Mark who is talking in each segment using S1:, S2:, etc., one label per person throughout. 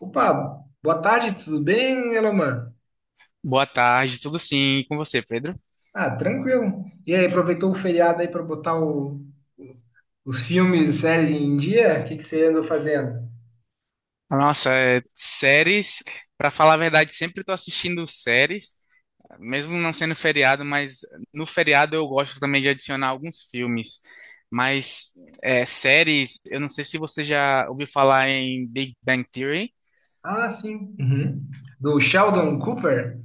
S1: Opa, boa tarde, tudo bem, Eloman?
S2: Boa tarde, tudo sim, e com você, Pedro?
S1: Ah, tranquilo. E aí, aproveitou o feriado aí para botar o- os filmes e séries em dia? O que que você andou fazendo?
S2: Nossa, séries, pra falar a verdade, sempre tô assistindo séries, mesmo não sendo feriado, mas no feriado eu gosto também de adicionar alguns filmes. Mas séries, eu não sei se você já ouviu falar em Big Bang Theory.
S1: Ah, sim. Uhum. Do Sheldon Cooper?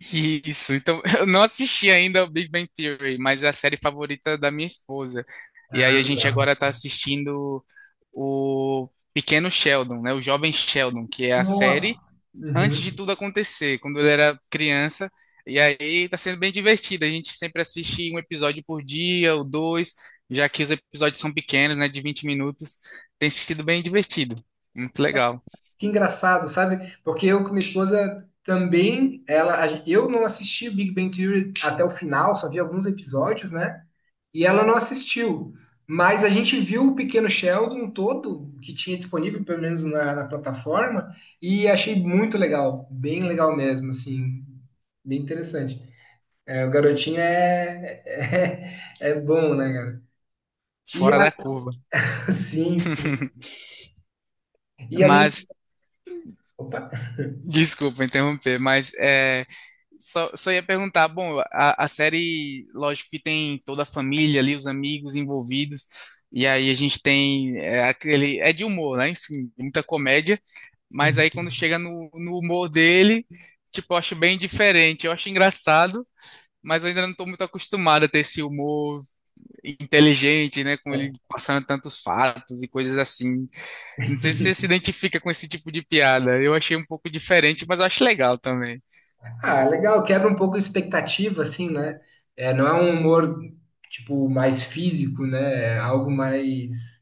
S2: Isso, então eu não assisti ainda o Big Bang Theory, mas é a série favorita da minha esposa. E aí
S1: Ah,
S2: a gente
S1: legal.
S2: agora tá assistindo o Pequeno Sheldon, né? O Jovem Sheldon, que é a série
S1: Nossa.
S2: antes de
S1: Uhum.
S2: tudo acontecer, quando ele era criança. E aí tá sendo bem divertido. A gente sempre assiste um episódio por dia ou dois, já que os episódios são pequenos, né, de 20 minutos. Tem sido bem divertido. Muito legal.
S1: Que engraçado, sabe? Porque eu com minha esposa também, ela, eu não assisti o Big Bang Theory até o final, só vi alguns episódios, né? E ela não assistiu. Mas a gente viu o Pequeno Sheldon todo que tinha disponível, pelo menos na plataforma, e achei muito legal, bem legal mesmo, assim, bem interessante. É, o garotinho é bom, né, cara? E
S2: Fora da curva.
S1: a- sim, sim. E além.
S2: Mas,
S1: Opa!
S2: desculpa interromper, mas é. Só ia perguntar, bom, a série, lógico que tem toda a família ali, os amigos envolvidos, e aí a gente tem aquele, é de humor, né? Enfim, muita comédia, mas aí
S1: Uhum.
S2: quando chega no humor dele, tipo, eu acho bem diferente, eu acho engraçado, mas eu ainda não estou muito acostumado a ter esse humor inteligente, né? Com ele passando tantos fatos e coisas assim. Não sei se você se identifica com esse tipo de piada, eu achei um pouco diferente, mas eu acho legal também.
S1: Ah, legal, quebra um pouco a expectativa, assim, né? É, não é um humor, tipo, mais físico, né? É algo mais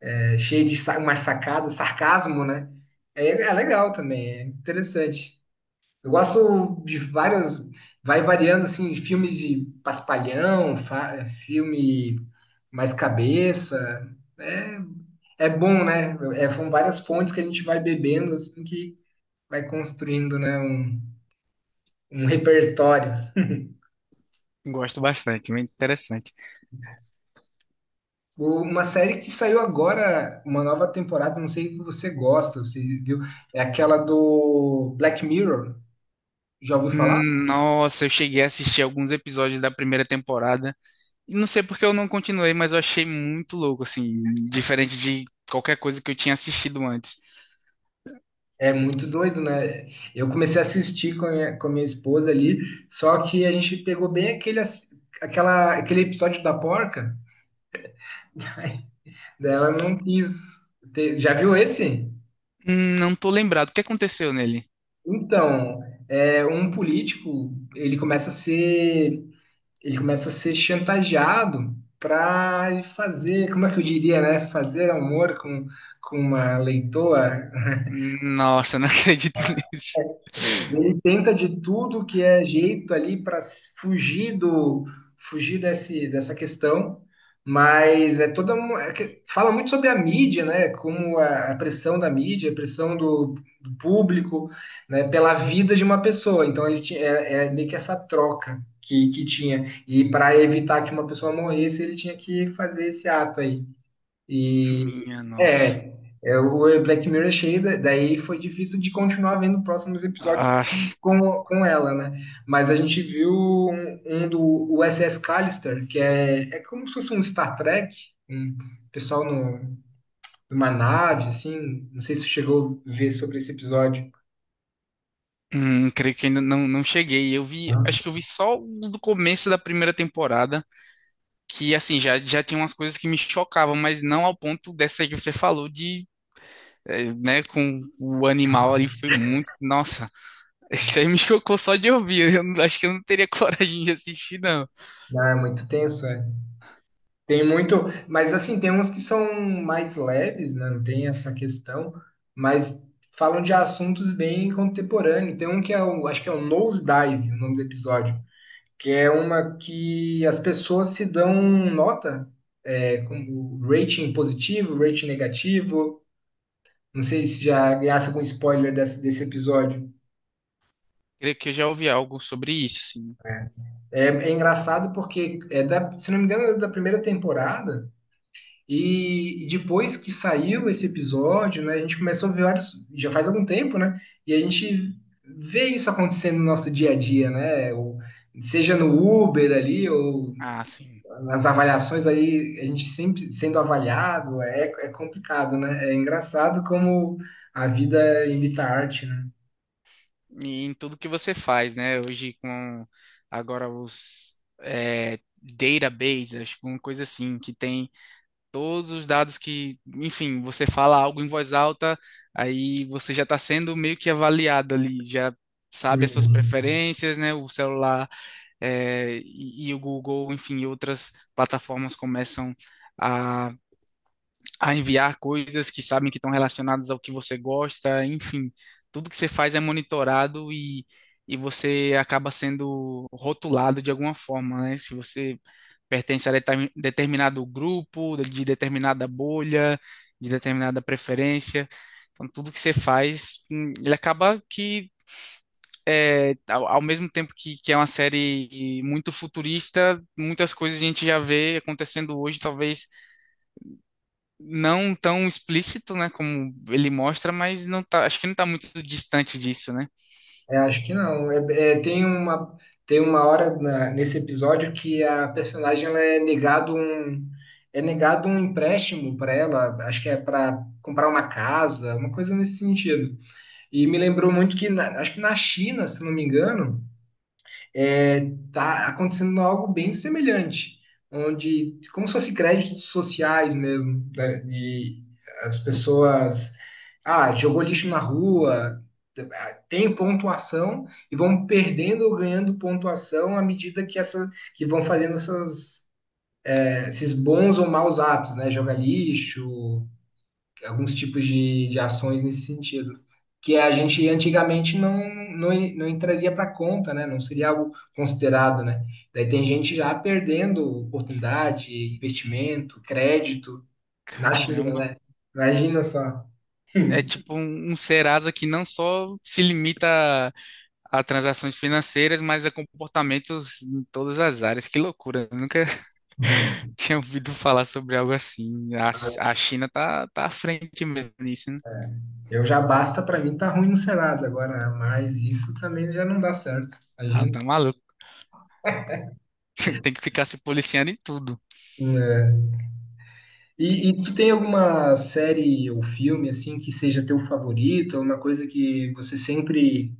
S1: cheio de sa mais sacada, sarcasmo, né? É, é legal também, é interessante. Eu gosto de várias, vai variando, assim, filmes de paspalhão, filme mais cabeça, é, é bom, né? É, são várias fontes que a gente vai bebendo, assim, que vai construindo, né, um repertório.
S2: Gosto bastante, muito interessante.
S1: Uma série que saiu agora, uma nova temporada, não sei se você gosta, você viu? É aquela do Black Mirror. Já ouviu falar?
S2: Nossa, eu cheguei a assistir alguns episódios da primeira temporada. E não sei porque eu não continuei, mas eu achei muito louco, assim, diferente de qualquer coisa que eu tinha assistido antes.
S1: É muito doido, né? Eu comecei a assistir com com a minha esposa ali, só que a gente pegou bem aquele episódio da porca, daí ela não quis ter. Já viu esse?
S2: Não tô lembrado. O que aconteceu nele?
S1: Então, é um político, ele começa a ser chantageado para fazer, como é que eu diria, né? Fazer amor com uma leitoa.
S2: Nossa, não acredito nisso.
S1: Ele tenta de tudo que é jeito ali para fugir do fugir dessa questão, mas é toda fala muito sobre a mídia, né? Como a pressão da mídia, a pressão do público, né? Pela vida de uma pessoa. Então ele tinha, é, é meio que essa troca que tinha, e para evitar que uma pessoa morresse, ele tinha que fazer esse ato aí. E
S2: Minha nossa.
S1: é, é, o Black Mirror é cheio, daí foi difícil de continuar vendo próximos episódios
S2: Ah,
S1: com ela, né? Mas a gente viu um do USS Callister, que é, é como se fosse um Star Trek, um pessoal no, numa nave, assim. Não sei se você chegou a ver sobre esse episódio.
S2: creio que ainda não, não cheguei. Eu vi, acho que eu vi só os do começo da primeira temporada, que assim, já tinha umas coisas que me chocavam, mas não ao ponto dessa aí que você falou de né, com o animal ali foi muito. Nossa, isso aí me chocou só de ouvir. Eu não- Acho que eu não teria coragem de assistir, não.
S1: Ah, é muito tenso, é. Tem muito, mas assim, tem uns que são mais leves, né? Não tem essa questão, mas falam de assuntos bem contemporâneos. Tem um que é acho que é o Nosedive, o nome do episódio, que é uma que as pessoas se dão nota, é, como rating positivo, rating negativo. Não sei se já graça com spoiler desse episódio.
S2: Creio que eu já ouvi algo sobre isso, sim.
S1: É, é engraçado porque é da, se não me engano, é da primeira temporada. E depois que saiu esse episódio, né, a gente começou a ver vários, já faz algum tempo, né? E a gente vê isso acontecendo no nosso dia a dia, né? Ou seja, no Uber ali, ou
S2: Ah, sim.
S1: nas avaliações aí, a gente sempre sendo avaliado, é, é complicado, né? É engraçado como a vida imita a arte, né?
S2: E em tudo que você faz, né? Hoje com agora os databases, acho que uma coisa assim, que tem todos os dados que, enfim, você fala algo em voz alta, aí você já está sendo meio que avaliado ali, já sabe as suas
S1: Uhum.
S2: preferências, né? O celular e o Google, enfim, e outras plataformas começam a, a enviar coisas que sabem que estão relacionadas ao que você gosta, enfim, tudo que você faz é monitorado e você acaba sendo rotulado de alguma forma, né? Se você determinado grupo, de determinada bolha, de determinada preferência. Então, tudo que você faz, ele acaba que é, ao mesmo tempo que é uma série muito futurista, muitas coisas a gente já vê acontecendo hoje, talvez não tão explícito, né, como ele mostra, mas não tá, acho que não tá muito distante disso, né?
S1: É, acho que não. É, tem uma hora nesse episódio que a personagem ela é negado um empréstimo para ela, acho que é para comprar uma casa, uma coisa nesse sentido. E me lembrou muito que, acho que na China, se não me engano, tá acontecendo algo bem semelhante, onde, como se fosse créditos sociais mesmo, né, de as pessoas, ah, jogou lixo na rua, tem pontuação e vão perdendo ou ganhando pontuação à medida que, essa, que vão fazendo essas, esses bons ou maus atos, né? Jogar lixo, alguns tipos de ações nesse sentido, que a gente antigamente não, não entraria para conta, né? Não seria algo considerado, né? Daí tem gente já perdendo oportunidade, investimento, crédito na China,
S2: Caramba.
S1: né? Imagina só.
S2: É tipo um, um Serasa que não só se limita a transações financeiras, mas a comportamentos em todas as áreas. Que loucura. Eu nunca tinha ouvido falar sobre algo assim. A China tá, tá à frente mesmo nisso, né?
S1: Eu já basta para mim tá ruim no Serasa agora, né? Mas isso também já não dá certo.
S2: Ah,
S1: Imagina.
S2: tá maluco. Tem que ficar se policiando em tudo.
S1: Né? E tu tem alguma série ou filme assim que seja teu favorito, alguma coisa que você sempre.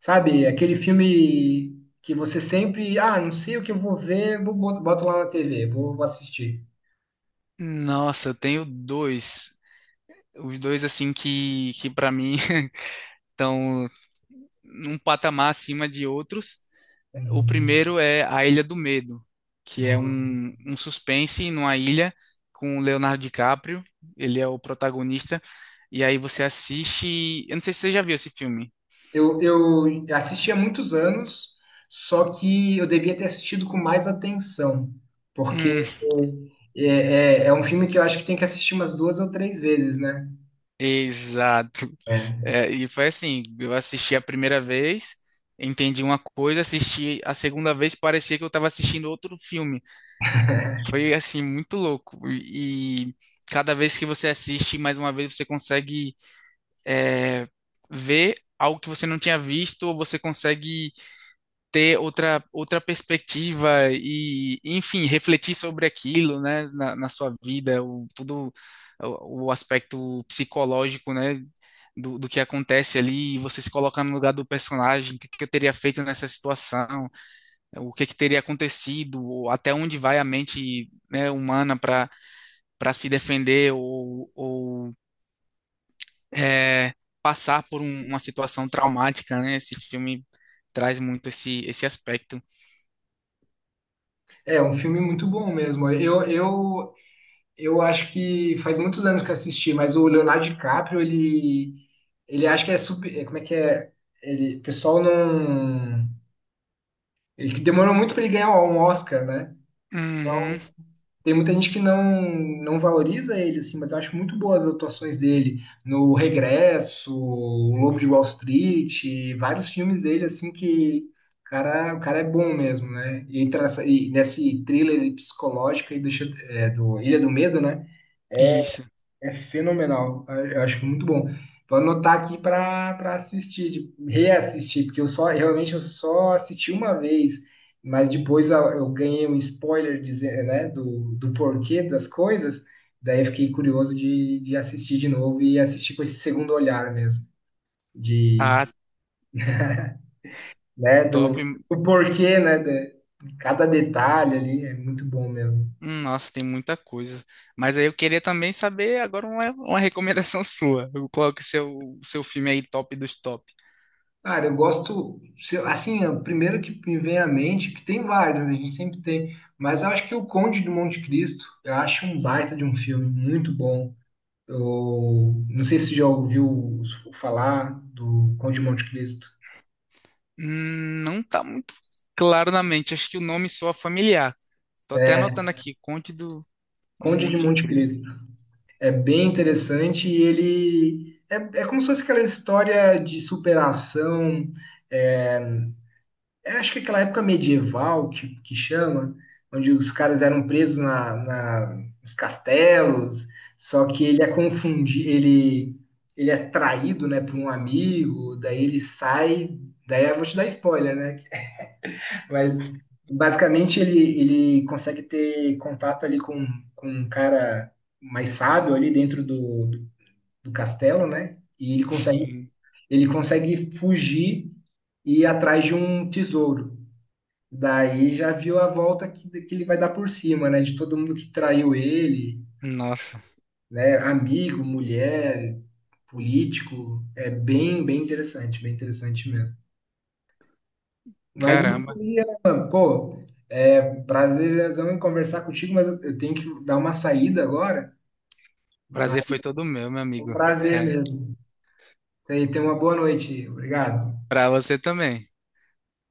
S1: Sabe, aquele filme que você sempre, ah, não sei o que eu vou ver, boto lá na TV, vou assistir.
S2: Nossa, eu tenho dois. Os dois, assim, que para mim estão num patamar acima de outros. O
S1: Hum,
S2: primeiro é A Ilha do Medo, que é
S1: nossa.
S2: um, um suspense numa ilha com o Leonardo DiCaprio. Ele é o protagonista. E aí você assiste. Eu não sei se você já viu esse filme.
S1: Eu assisti há muitos anos, só que eu devia ter assistido com mais atenção, porque é, é um filme que eu acho que tem que assistir umas duas ou três vezes, né?
S2: Exato.
S1: É.
S2: É, e foi assim, eu assisti a primeira vez, entendi uma coisa, assisti a segunda vez, parecia que eu estava assistindo outro filme. Foi assim, muito louco. E cada vez que você assiste, mais uma vez você consegue é, ver algo que você não tinha visto, ou você consegue ter outra, outra perspectiva e, enfim, refletir sobre aquilo, né, na, na sua vida, o, todo o aspecto psicológico, né, do, do que acontece ali, você se colocar no lugar do personagem, o que, que eu teria feito nessa situação, o que, que teria acontecido, ou até onde vai a mente, né, humana para para se defender ou é, uma situação traumática, né? Esse filme traz muito esse, esse aspecto.
S1: É um filme muito bom mesmo. Eu acho que faz muitos anos que eu assisti, mas o Leonardo DiCaprio, ele acha que é super. É, como é que é? Ele, o pessoal não. Ele que demorou muito para ele ganhar um Oscar, né?
S2: Uhum,
S1: Então, tem muita gente que não valoriza ele, assim, mas eu acho muito boas as atuações dele no Regresso, O Lobo de Wall Street, vários filmes dele, assim, que o cara é bom mesmo, né? E entra nessa, e nesse thriller psicológico aí do Ilha do Medo, né?
S2: isso.
S1: É fenomenal. Eu acho muito bom. Vou anotar aqui para assistir, reassistir, porque eu só assisti uma vez, mas depois eu ganhei um spoiler dizer, né, do porquê das coisas, daí eu fiquei curioso de assistir de novo e assistir com esse segundo olhar mesmo, de,
S2: Ah,
S1: né,
S2: top.
S1: do porquê, né, de cada detalhe ali, é muito bom mesmo.
S2: Nossa, tem muita coisa. Mas aí eu queria também saber agora uma recomendação sua. Qual que é o seu filme aí top dos top?
S1: Cara, eu gosto, se eu- assim, é o primeiro que me vem à mente, que tem vários, né, a gente sempre tem, mas eu acho que o Conde do Monte Cristo, eu acho um baita de um filme, muito bom. Eu não sei se você já ouviu falar do Conde de Monte Cristo.
S2: Não tá muito claro na mente. Acho que o nome soa familiar. Tô até anotando aqui, Conde do
S1: Conde de
S2: Monte
S1: Monte
S2: Cristo.
S1: Cristo. É bem interessante e ele é, é como se fosse aquela história de superação, é, eu acho que aquela época medieval que chama, onde os caras eram presos nos castelos, só que ele é confundido, ele é traído, né, por um amigo, daí ele sai, daí eu vou te dar spoiler, né? Mas basicamente ele, ele consegue ter contato ali com um cara mais sábio ali dentro do castelo, né? E
S2: Sim,
S1: ele consegue fugir e ir atrás de um tesouro. Daí já viu a volta que ele vai dar por cima, né? De todo mundo que traiu ele,
S2: nossa,
S1: né? Amigo, mulher, político. É bem, bem interessante mesmo. Mas isso
S2: caramba.
S1: aí, Alan, pô, é um prazerzão em conversar contigo, mas eu tenho que dar uma saída agora. Mas
S2: Prazer foi todo meu, meu
S1: foi um
S2: amigo.
S1: prazer
S2: É,
S1: mesmo. Isso aí, tenha uma boa noite. Obrigado.
S2: pra você também.